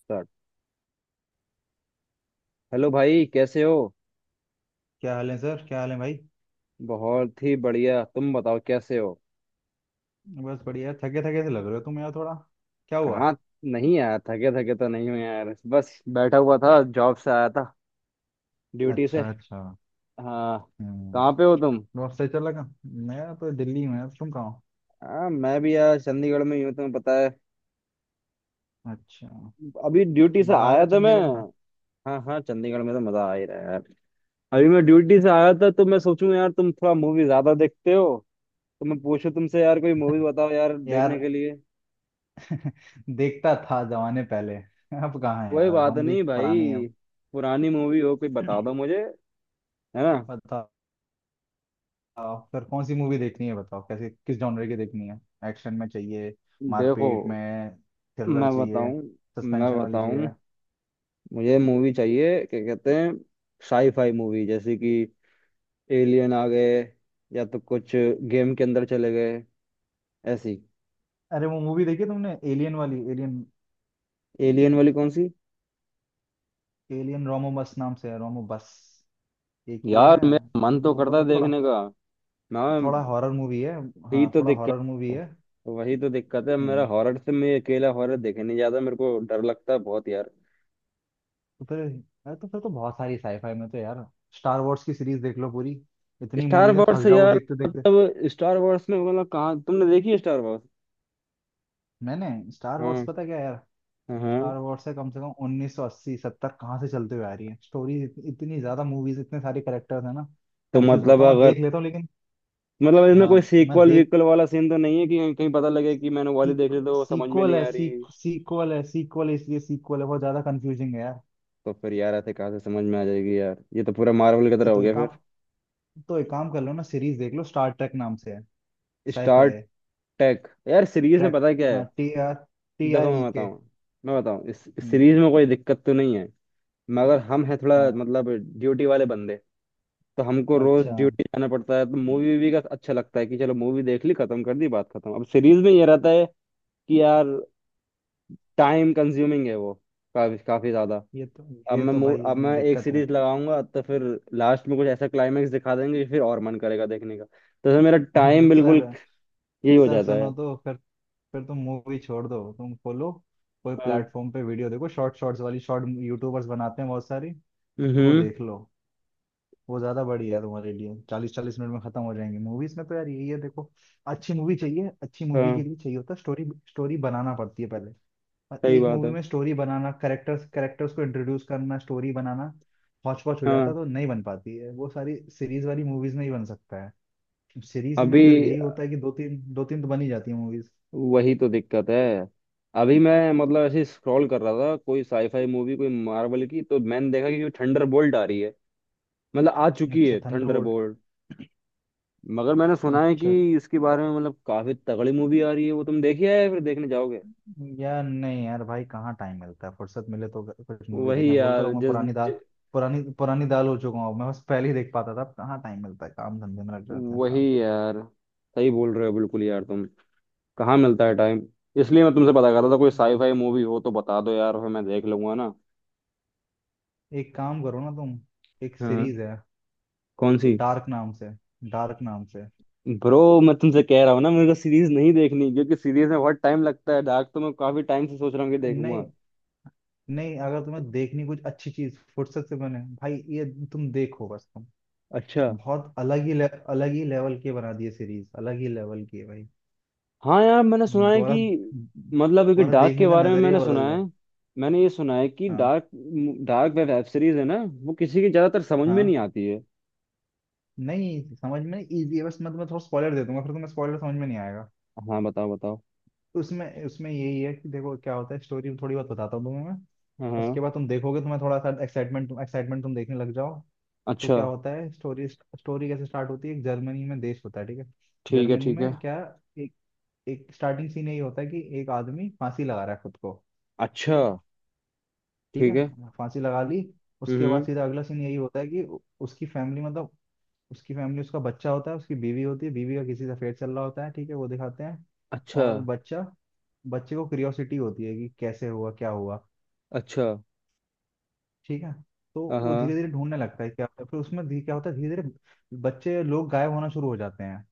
Start. Hello भाई कैसे हो। क्या हाल है सर? क्या हाल है भाई? बहुत ही बढ़िया। तुम बताओ कैसे हो। बस बढ़िया। थके थके से लग रहे हो तुम यार थोड़ा। क्या हुआ? कहाँ। नहीं आया थके थके तो नहीं हो यार, बस बैठा हुआ था, जॉब से आया था, ड्यूटी से। अच्छा अच्छा। हाँ। हम्म। कहाँ पे हो तुम? बहुत सही चल लगा। मैं तो दिल्ली में हूँ, तुम कहाँ हो? हाँ, मैं भी यार चंडीगढ़ में ही हूँ, तुम्हें पता है। अच्छा। अभी ड्यूटी से मजा आ रहा आया है था मैं। चंडीगढ़ में? हाँ हाँ, चंडीगढ़ में तो मजा आ ही रहा है यार। अभी मैं ड्यूटी से आया था तो मैं सोचूं यार, तुम थोड़ा मूवी ज्यादा देखते हो। तो मैं पूछूं तुमसे यार, कोई मूवी बताओ यार यार देखने के लिए। देखता था जमाने पहले अब कहाँ है कोई यार, बात हम भी नहीं पुराने हैं भाई। अब। पुरानी मूवी हो कोई बता दो मुझे। है ना। बताओ फिर, कौन सी मूवी देखनी है बताओ, कैसे, किस जॉनर की देखनी है? एक्शन में चाहिए? देखो, मारपीट में? थ्रिलर मैं चाहिए? बताऊं मैं सस्पेंशन वाली बताऊं चाहिए? मुझे मूवी चाहिए, क्या कहते हैं, साई फाई मूवी, जैसे कि एलियन आ गए, या तो कुछ गेम के अंदर चले गए, ऐसी। अरे वो मूवी देखी तुमने एलियन वाली, एलियन? एलियन वाली कौन सी? एलियन रोमोबस नाम से है, रोमोबस। एक ये यार है। मेरा मन तो ब- करता है मतलब थोड़ा, देखने का। मैं थोड़ा हॉरर मूवी है। ही हाँ तो थोड़ा दिक्कत हॉरर मूवी है। है। वही तो दिक्कत है मेरा, हम्म। हॉरर से मैं अकेला हॉरर देखे नहीं जाता, मेरे को डर लगता है बहुत यार। तो फिर? अरे तो फिर तो बहुत सारी साईफाई में तो यार। स्टार वॉर्स की सीरीज देख लो पूरी। इतनी स्टार मूवीज हैं, वॉर्स थक जाओगे यार। देखते देखते। मतलब स्टार वॉर्स में मतलब, कहाँ तुमने देखी है स्टार वॉर्स? मैंने स्टार वॉर्स, हाँ पता क्या यार, हाँ। स्टार वॉर्स है कम से कम 1980, सत्तर कहाँ से चलते हुए आ रही है। स्टोरीज इतनी, इतनी ज्यादा मूवीज, इतने सारे करेक्टर्स है ना। तो कंफ्यूज मतलब होता हूँ मैं, अगर, देख लेता हूँ लेकिन। मतलब इसमें कोई हाँ मैं सीक्वल देख, वीक्वल वाला सीन तो नहीं है कि कहीं कहीं पता लगे कि मैंने वाली देख ली तो वो समझ में नहीं आ रही। सीक्वल है, सीक्वल इसलिए सीक्वल है, बहुत ज्यादा कंफ्यूजिंग है यार। तो फिर यार ऐसे कहाँ से समझ में आ जाएगी यार, ये तो पूरा मार्वल की ये तरह हो तो एक गया काम, फिर। तो एक काम कर लो ना, सीरीज देख लो, स्टार ट्रेक नाम से है। साईफाई स्टार है। टेक यार, सीरीज में ट्रैक। पता है क्या हाँ है। टी आर टी देखो, आर ई मैं के। बताऊँ मैं बताऊँ इस हम्म। सीरीज में कोई दिक्कत तो नहीं है, मगर हम हैं थोड़ा, हाँ मतलब ड्यूटी वाले बंदे। तो हमको रोज अच्छा। ड्यूटी जाना पड़ता है, तो मूवी वूवी का अच्छा लगता है कि चलो मूवी देख ली खत्म कर दी बात खत्म। अब सीरीज में ये रहता है कि यार टाइम कंज्यूमिंग है वो, काफी काफी ज्यादा। ये तो ये तो भाई अब मैं एक दिक्कत है। सीरीज लगाऊंगा तो फिर लास्ट में कुछ ऐसा क्लाइमेक्स दिखा देंगे कि फिर और मन करेगा देखने का, तो फिर मेरा अरे टाइम तो बिल्कुल सर, यही हो सर जाता है। सुनो तो फिर तुम मूवी छोड़ दो, तुम खोलो कोई हाँ। प्लेटफॉर्म पे वीडियो देखो, शॉर्ट, शॉर्ट्स वाली, शॉर्ट यूट्यूबर्स बनाते हैं बहुत सारी, वो हम्म। देख लो। वो ज्यादा बढ़िया है तुम्हारे लिए, 40-40 मिनट में खत्म हो जाएंगी। मूवीज में तो यार यही है, देखो, अच्छी मूवी चाहिए, अच्छी मूवी हाँ, के लिए चाहिए होता है स्टोरी। स्टोरी बनाना पड़ती है पहले, और सही एक बात मूवी है। में स्टोरी बनाना, करेक्टर्स, करेक्टर्स को इंट्रोड्यूस करना, स्टोरी बनाना, हौच पौच हो जाता हाँ। है, तो नहीं बन पाती है वो। सारी सीरीज वाली मूवीज में ही बन सकता है। सीरीज में अभी फिर यही होता है कि दो तीन, दो तीन तो बन ही जाती है मूवीज। वही तो दिक्कत है। अभी मैं मतलब ऐसे स्क्रॉल कर रहा था, कोई साईफाई मूवी कोई मार्वल की, तो मैंने देखा कि थंडर बोल्ट आ रही है। मतलब आ चुकी अच्छा है थंडर थंडरबोल्ट। बोल्ट। मगर मैंने सुना है कि अच्छा। इसके बारे में मतलब काफी तगड़ी मूवी आ रही है वो, तुम देखी है या फिर देखने जाओगे? यार नहीं यार भाई, कहाँ टाइम मिलता है, फुर्सत मिले तो कुछ मूवी वही देखें, बोलते यार रहो। मैं जिस पुरानी दाल, पुरानी पुरानी दाल हो चुका हूँ मैं, बस पहले ही देख पाता था, अब कहाँ टाइम मिलता है, काम धंधे में लग जाते हैं वही इंसान। यार सही बोल रहे हो बिल्कुल यार तुम। कहाँ मिलता है टाइम। इसलिए मैं तुमसे पता कर रहा था, कोई हम्म। साई फाई मूवी हो तो बता दो यार, फिर मैं देख लूंगा ना। एक काम करो ना तुम, एक हाँ, सीरीज है, कौन सी? डार्क नाम से, डार्क नाम से। ब्रो, मैं तुमसे कह रहा हूँ ना, मेरे को सीरीज नहीं देखनी क्योंकि सीरीज में बहुत टाइम लगता है। डार्क तो मैं काफी टाइम से सोच रहा हूँ कि देखूंगा। नहीं नहीं, अगर तुम्हें देखनी कुछ अच्छी चीज फुर्सत से, बने भाई ये, तुम देखो बस तुम। अच्छा। बहुत अलग ही ले, अलग ही लेवल की बना दी है सीरीज, अलग ही लेवल की है भाई। हाँ यार, मैंने सुना है कि, दोबारा मतलब कि तुम्हारा डार्क के देखने का बारे में नजरिया मैंने सुना बदल है। जाए। मैंने ये सुना है कि हाँ डार्क, डार्क वेब सीरीज है ना, वो किसी की ज्यादातर समझ में हाँ नहीं आती है। नहीं, समझ में इजी है, बस मैं तुम्हें थोड़ा स्पॉइलर दे दूंगा, फिर तुम्हें स्पॉइलर समझ में नहीं आएगा। हाँ, बताओ बताओ। तो उसमें, उसमें यही है कि देखो क्या होता है, स्टोरी थोड़ी बहुत बताता हूँ तुम्हें मैं। हाँ। उसके बाद तुम देखोगे, तुम्हें थोड़ा सा एक्साइटमेंट, एक्साइटमेंट तुम देखने लग जाओ। तो अच्छा। क्या होता है, स्टोरी, स्टोरी कैसे स्टार्ट होती है, एक जर्मनी में देश होता है, ठीक है। ठीक है जर्मनी ठीक है। में क्या, एक, एक स्टार्टिंग सीन यही होता है कि एक आदमी फांसी लगा रहा है खुद को। ठीक अच्छा। है, ठीक ठीक है। है, फांसी लगा ली। उसके बाद हम्म। सीधा अगला सीन यही होता है कि उसकी फैमिली, मतलब उसकी फैमिली, उसका बच्चा होता है, उसकी बीवी होती है, बीवी का किसी से अफेयर चल रहा होता है, ठीक है, वो दिखाते हैं। अच्छा और बच्चा, बच्चे को क्यूरियोसिटी होती है कि कैसे हुआ, क्या हुआ, अच्छा। ठीक है। तो वो धीरे हाँ। धीरे ढूंढने लगता है क्या होता है, फिर उसमें क्या होता है, धीरे धीरे बच्चे लोग गायब होना शुरू हो जाते हैं।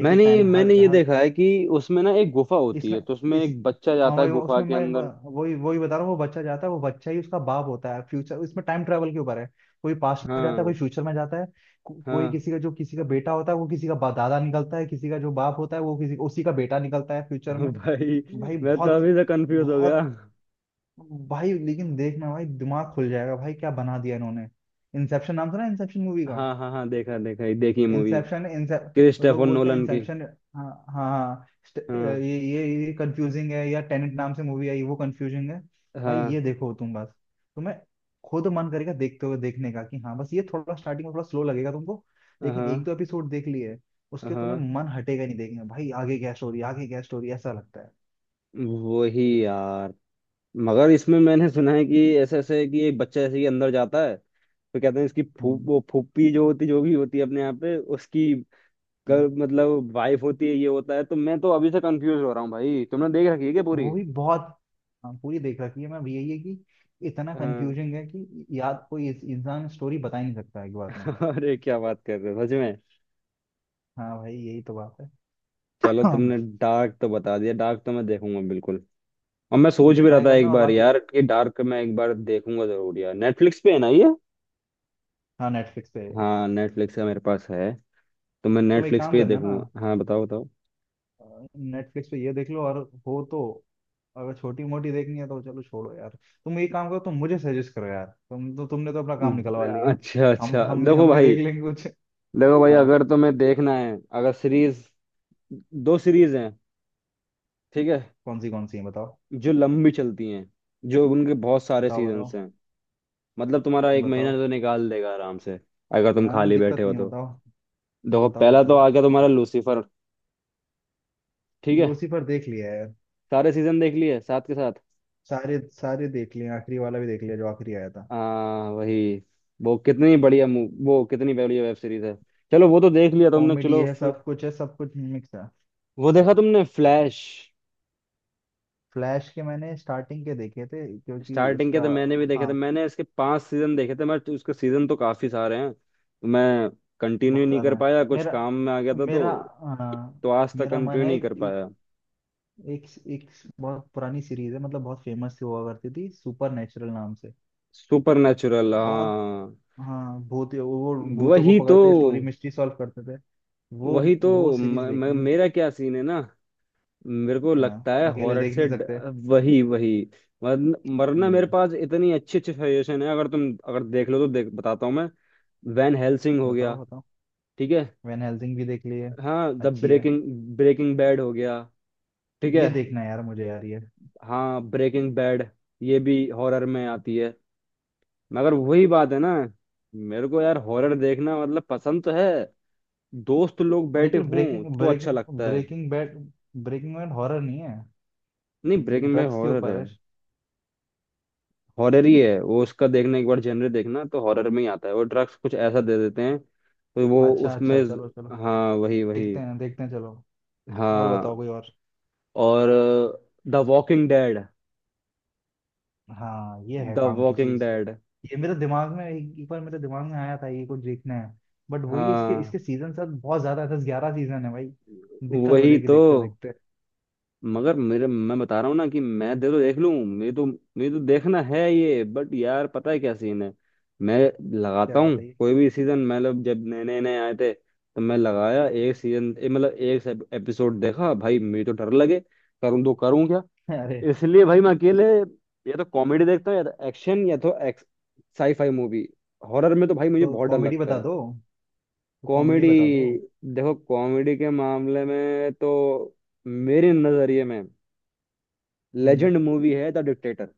एक एक मैंने टाइम मैंने हर ये हर देखा है कि उसमें ना एक गुफा होती इसमें है तो उसमें इस एक बच्चा हाँ जाता है वही गुफा उसमें के अंदर। मैं- वही वही बता रहा हूँ, वो बच्चा जाता है, वो बच्चा ही उसका बाप होता है फ्यूचर, इसमें टाइम ट्रेवल के ऊपर है। कोई पास्ट में जाता है, हाँ कोई फ्यूचर में जाता है। कोई हाँ। किसी का, जो किसी का बेटा होता है वो किसी का दादा निकलता है, किसी का जो बाप होता है वो किसी उसी का बेटा निकलता है फ्यूचर में। भाई, भाई मैं तो बहुत, अभी से कंफ्यूज हो गया। बहुत भाई लेकिन देखना भाई, दिमाग खुल जाएगा भाई, क्या बना दिया इन्होंने। इंसेप्शन नाम सुना है? इंसेप्शन मूवी का, हाँ हाँ हाँ, देखा देखा, ये देखी मूवी, इंसेप्शन, लोग क्रिस्टोफर बोलते हैं नोलन की। इंसेप्शन। हाँ हाँ, हाँ, हाँ ये कंफ्यूजिंग है, या टेनेंट नाम से मूवी आई, वो कंफ्यूजिंग है भाई। ये हाँ देखो तुम बस, तुम्हें खुद मन करेगा देखते हुए देखने का कि हाँ, बस ये थोड़ा स्टार्टिंग में थोड़ा स्लो लगेगा तुमको, लेकिन हाँ एक दो एपिसोड देख लिए उसके, तुम्हें हाँ। मन हटेगा नहीं देखने का, भाई आगे क्या स्टोरी, आगे क्या स्टोरी, ऐसा लगता है। वही यार, मगर इसमें मैंने सुना है कि ऐसे ऐसे कि एक बच्चा ऐसे ही अंदर जाता है, तो कहते हैं इसकी फू हम्म। वो फूफी जो होती जो भी होती है अपने यहाँ पे, उसकी हाँ, मतलब वाइफ होती है, ये होता है। तो मैं तो अभी से कंफ्यूज हो रहा हूँ भाई, तुमने देख रखी है क्या पूरी? वो भी बहुत। हाँ, पूरी देख रखी है मैं भी। यही है कि इतना हाँ। कंफ्यूजिंग है कि याद, कोई इंसान स्टोरी बता ही नहीं सकता एक बार में। अरे क्या बात कर रहे हो सच में। हाँ भाई, यही तो बात चलो, है। तुमने डार्क तो बता दिया, डार्क तो मैं देखूंगा बिल्कुल। और मैं तो सोच ये भी रहा ट्राई था करना एक और बार बाकी। यार कि डार्क मैं एक बार देखूंगा जरूर यार, नेटफ्लिक्स पे है ना ये? हाँ नेटफ्लिक्स पे। हाँ, नेटफ्लिक्स का मेरे पास है। तो मैं तुम एक नेटफ्लिक्स काम पे ही करना ना, देखूंगा। हाँ, बताओ बताओ। नेटफ्लिक्स पे ये देख लो, और हो तो, अगर छोटी मोटी देखनी है तो चलो छोड़ो यार। तुम एक काम करो, तुम मुझे सजेस्ट करो यार, तुम तो, तुमने तो अपना काम निकलवा लिया। अच्छा हम, अच्छा। हम भी देखो हम भी देख भाई लेंगे कुछ। देखो भाई हाँ। अगर तुम्हें देखना है, अगर सीरीज, दो सीरीज हैं, ठीक है, कौन सी, कौन सी है, बताओ जो लंबी चलती हैं, जो उनके बहुत सारे बताओ। बताओ सीजन्स हैं, मतलब तुम्हारा एक महीना बताओ। तो निकाल देगा आराम से, अगर तुम हाँ खाली बैठे दिक्कत हो नहीं है, तो। बताओ। देखो, बताओ पहला तो बताओ। आ गया तुम्हारा खा- लूसीफर। ठीक है। लूसीफर देख लिया है यार। सारे सीजन देख लिए साथ के साथ। सारे, सारे देख लिए, आखिरी वाला भी देख लिया जो आखिरी आया था। आ, वही। वो कितनी बढ़िया वेब सीरीज है। चलो, वो तो देख लिया तुमने, कॉमेडी चलो है, फिर-। सब कुछ है, सब कुछ मिक्स है। वो देखा तुमने फ्लैश? फ्लैश के मैंने स्टार्टिंग के देखे थे, क्योंकि स्टार्टिंग के उसका, तो मैंने भी देखे हाँ थे, मैंने इसके 5 सीजन देखे थे, उसके सीजन तो काफी सारे हैं तो मैं कंटिन्यू बहुत नहीं कर ज्यादा है। पाया, कुछ मेरा काम में आ गया था मेरा तो। अ, तो आज तक मेरा मन कंटिन्यू है नहीं कर कि पाया। एक, एक बहुत पुरानी सीरीज है, मतलब बहुत फेमस हुआ करती थी, सुपर नेचुरल नाम से। सुपर नेचुरल, बहुत, हाँ। हाँ भूत, वो भूतों को वही तो पकड़ते, स्टोरी मिस्ट्री सॉल्व करते थे। वो वही वो तो म, सीरीज म, देखनी है। मेरा क्या सीन है ना। मेरे को हाँ लगता है अकेले हॉरर देख से नहीं ड, सकते। वही वही। वरना मेरे हम्म। पास इतनी अच्छी अच्छी सजेशन है, अगर देख लो तो देख बताता हूँ मैं। वैन हेल्सिंग हो गया। बताओ बताओ। ठीक है। वैन हेल्सिंग भी देख ली है। हाँ, द अच्छी है। ब्रेकिंग ब्रेकिंग बैड हो गया। ठीक है। ये देखना है यार मुझे यार, ये हाँ, ब्रेकिंग बैड ये भी हॉरर में आती है, मगर वही बात है ना, मेरे को यार हॉरर देखना मतलब पसंद तो है, दोस्त लोग बैठे लेकिन हों ब्रेकिंग, तो अच्छा ब्रेकिंग लगता है। Breaking Bad, Breaking Bad horror नहीं है, नहीं, ब्रेकिंग बैड ड्रग्स के हॉरर ऊपर है। है। हॉरर ही है वो, उसका देखना एक बार जनरे देखना तो हॉरर में ही आता है वो, ड्रग्स कुछ ऐसा दे देते हैं तो वो अच्छा उसमें। अच्छा, चलो चलो, हाँ, वही वही। देखते हैं चलो। और बताओ, हाँ। कोई और? और द वॉकिंग डेड। हाँ ये है द काम की वॉकिंग चीज। डेड। ये मेरे दिमाग में एक, एक बार मेरे दिमाग में आया था, ये कुछ देखना है। बट वही है, इसके, हाँ, इसके सीजन सब बहुत ज्यादा है, 10-11 सीजन है भाई, दिक्कत हो वही जाएगी तो। देखते देखते। मगर मेरे, मैं बता रहा हूँ ना कि मैं दे तो देख लूँ, मेरे तो देखना है ये, बट यार पता है क्या सीन है। मैं लगाता क्या हूँ बताइए। कोई भी सीजन, मतलब जब नए नए नए आए थे, तो मैं लगाया एक सीजन, मतलब एक एपिसोड देखा भाई, मेरे तो डर लगे, करूँ तो करूँ क्या। अरे इसलिए भाई मैं अकेले, या तो कॉमेडी देखता हूँ, या तो एक्शन, या तो एक्स, साईफाई मूवी, हॉरर में तो भाई मुझे तो बहुत डर कॉमेडी लगता बता है। दो, तो कॉमेडी कॉमेडी? बता दो। देखो, कॉमेडी के मामले में तो, मेरे नजरिए में हम्म। लेजेंड मूवी है द डिक्टेटर,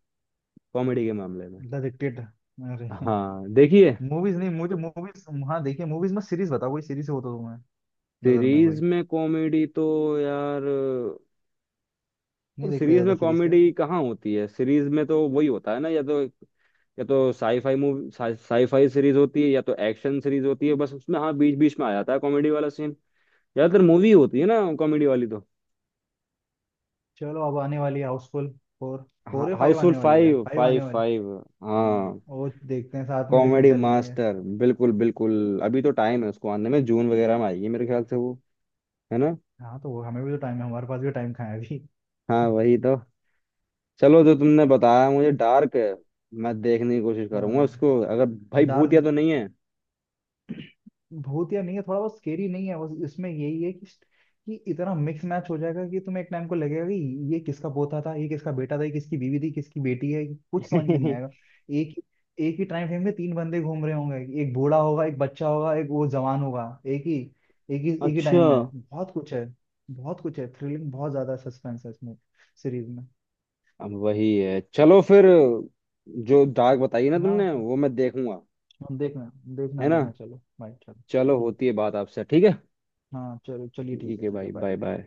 कॉमेडी के मामले में। The Dictator? अरे हाँ, देखिए। मूवीज नहीं, मुझे मूवीज, हाँ देखिए, मूवीज में, सीरीज बताओ, कोई सीरीज हो तो तुम्हें नजर में सीरीज कोई, में कॉमेडी तो यार, और नहीं देखते सीरीज ज्यादा में सीरीज क्या। कॉमेडी कहाँ होती है? सीरीज में तो वही होता है ना, या तो साईफाई सीरीज होती है या तो एक्शन सीरीज होती है, बस उसमें हाँ बीच बीच में आ जाता है कॉमेडी वाला सीन। ज्यादातर मूवी होती है ना कॉमेडी वाली तो। चलो अब आने वाली है हाउसफुल फोर, फोर या फाइव हाउसफुल आने वाली है, फाइव फाइव फाइव आने वाली। फाइव हाँ, हाँ वो देखते हैं, साथ में देखने कॉमेडी चल लेंगे। मास्टर, बिल्कुल बिल्कुल अभी तो टाइम है उसको आने में, जून वगैरह में आएगी मेरे ख्याल से वो, है ना। हाँ तो वो, हमें भी तो टाइम है, हमारे पास भी टाइम कहाँ है अभी। हाँ, वही तो। चलो, जो तुमने बताया मुझे डार्क है, मैं देखने की कोशिश हाँ। करूंगा उसको अगर। भाई भूतिया डार्क तो नहीं है? भूतिया नहीं है, थोड़ा बहुत स्केरी नहीं है, बस इसमें यही है कि इतना मिक्स मैच हो जाएगा कि तुम्हें एक टाइम को लगेगा कि ये किसका पोता था, ये किसका बेटा था, ये किसकी बीवी थी, किसकी बेटी है, कुछ समझ में नहीं आएगा। एक, एक ही टाइम फ्रेम में तीन बंदे घूम रहे होंगे, एक बूढ़ा होगा, एक बच्चा होगा, एक वो जवान होगा, एक ही, एक ही अच्छा, टाइम में बहुत कुछ है, बहुत कुछ है, थ्रिलिंग, बहुत ज्यादा सस्पेंस है इसमें, सीरीज में। अब वही है, चलो फिर। जो डार्क बताई ना हाँ तुमने वो मैं देखूंगा। देखना, देखना है ना, देखना, चलो बाय, चलो चलो, ठीक होती है। है बात आपसे, ठीक है। हाँ चलो, चलिए ठीक ठीक है, है ठीक है भाई, बाय। Bye bye.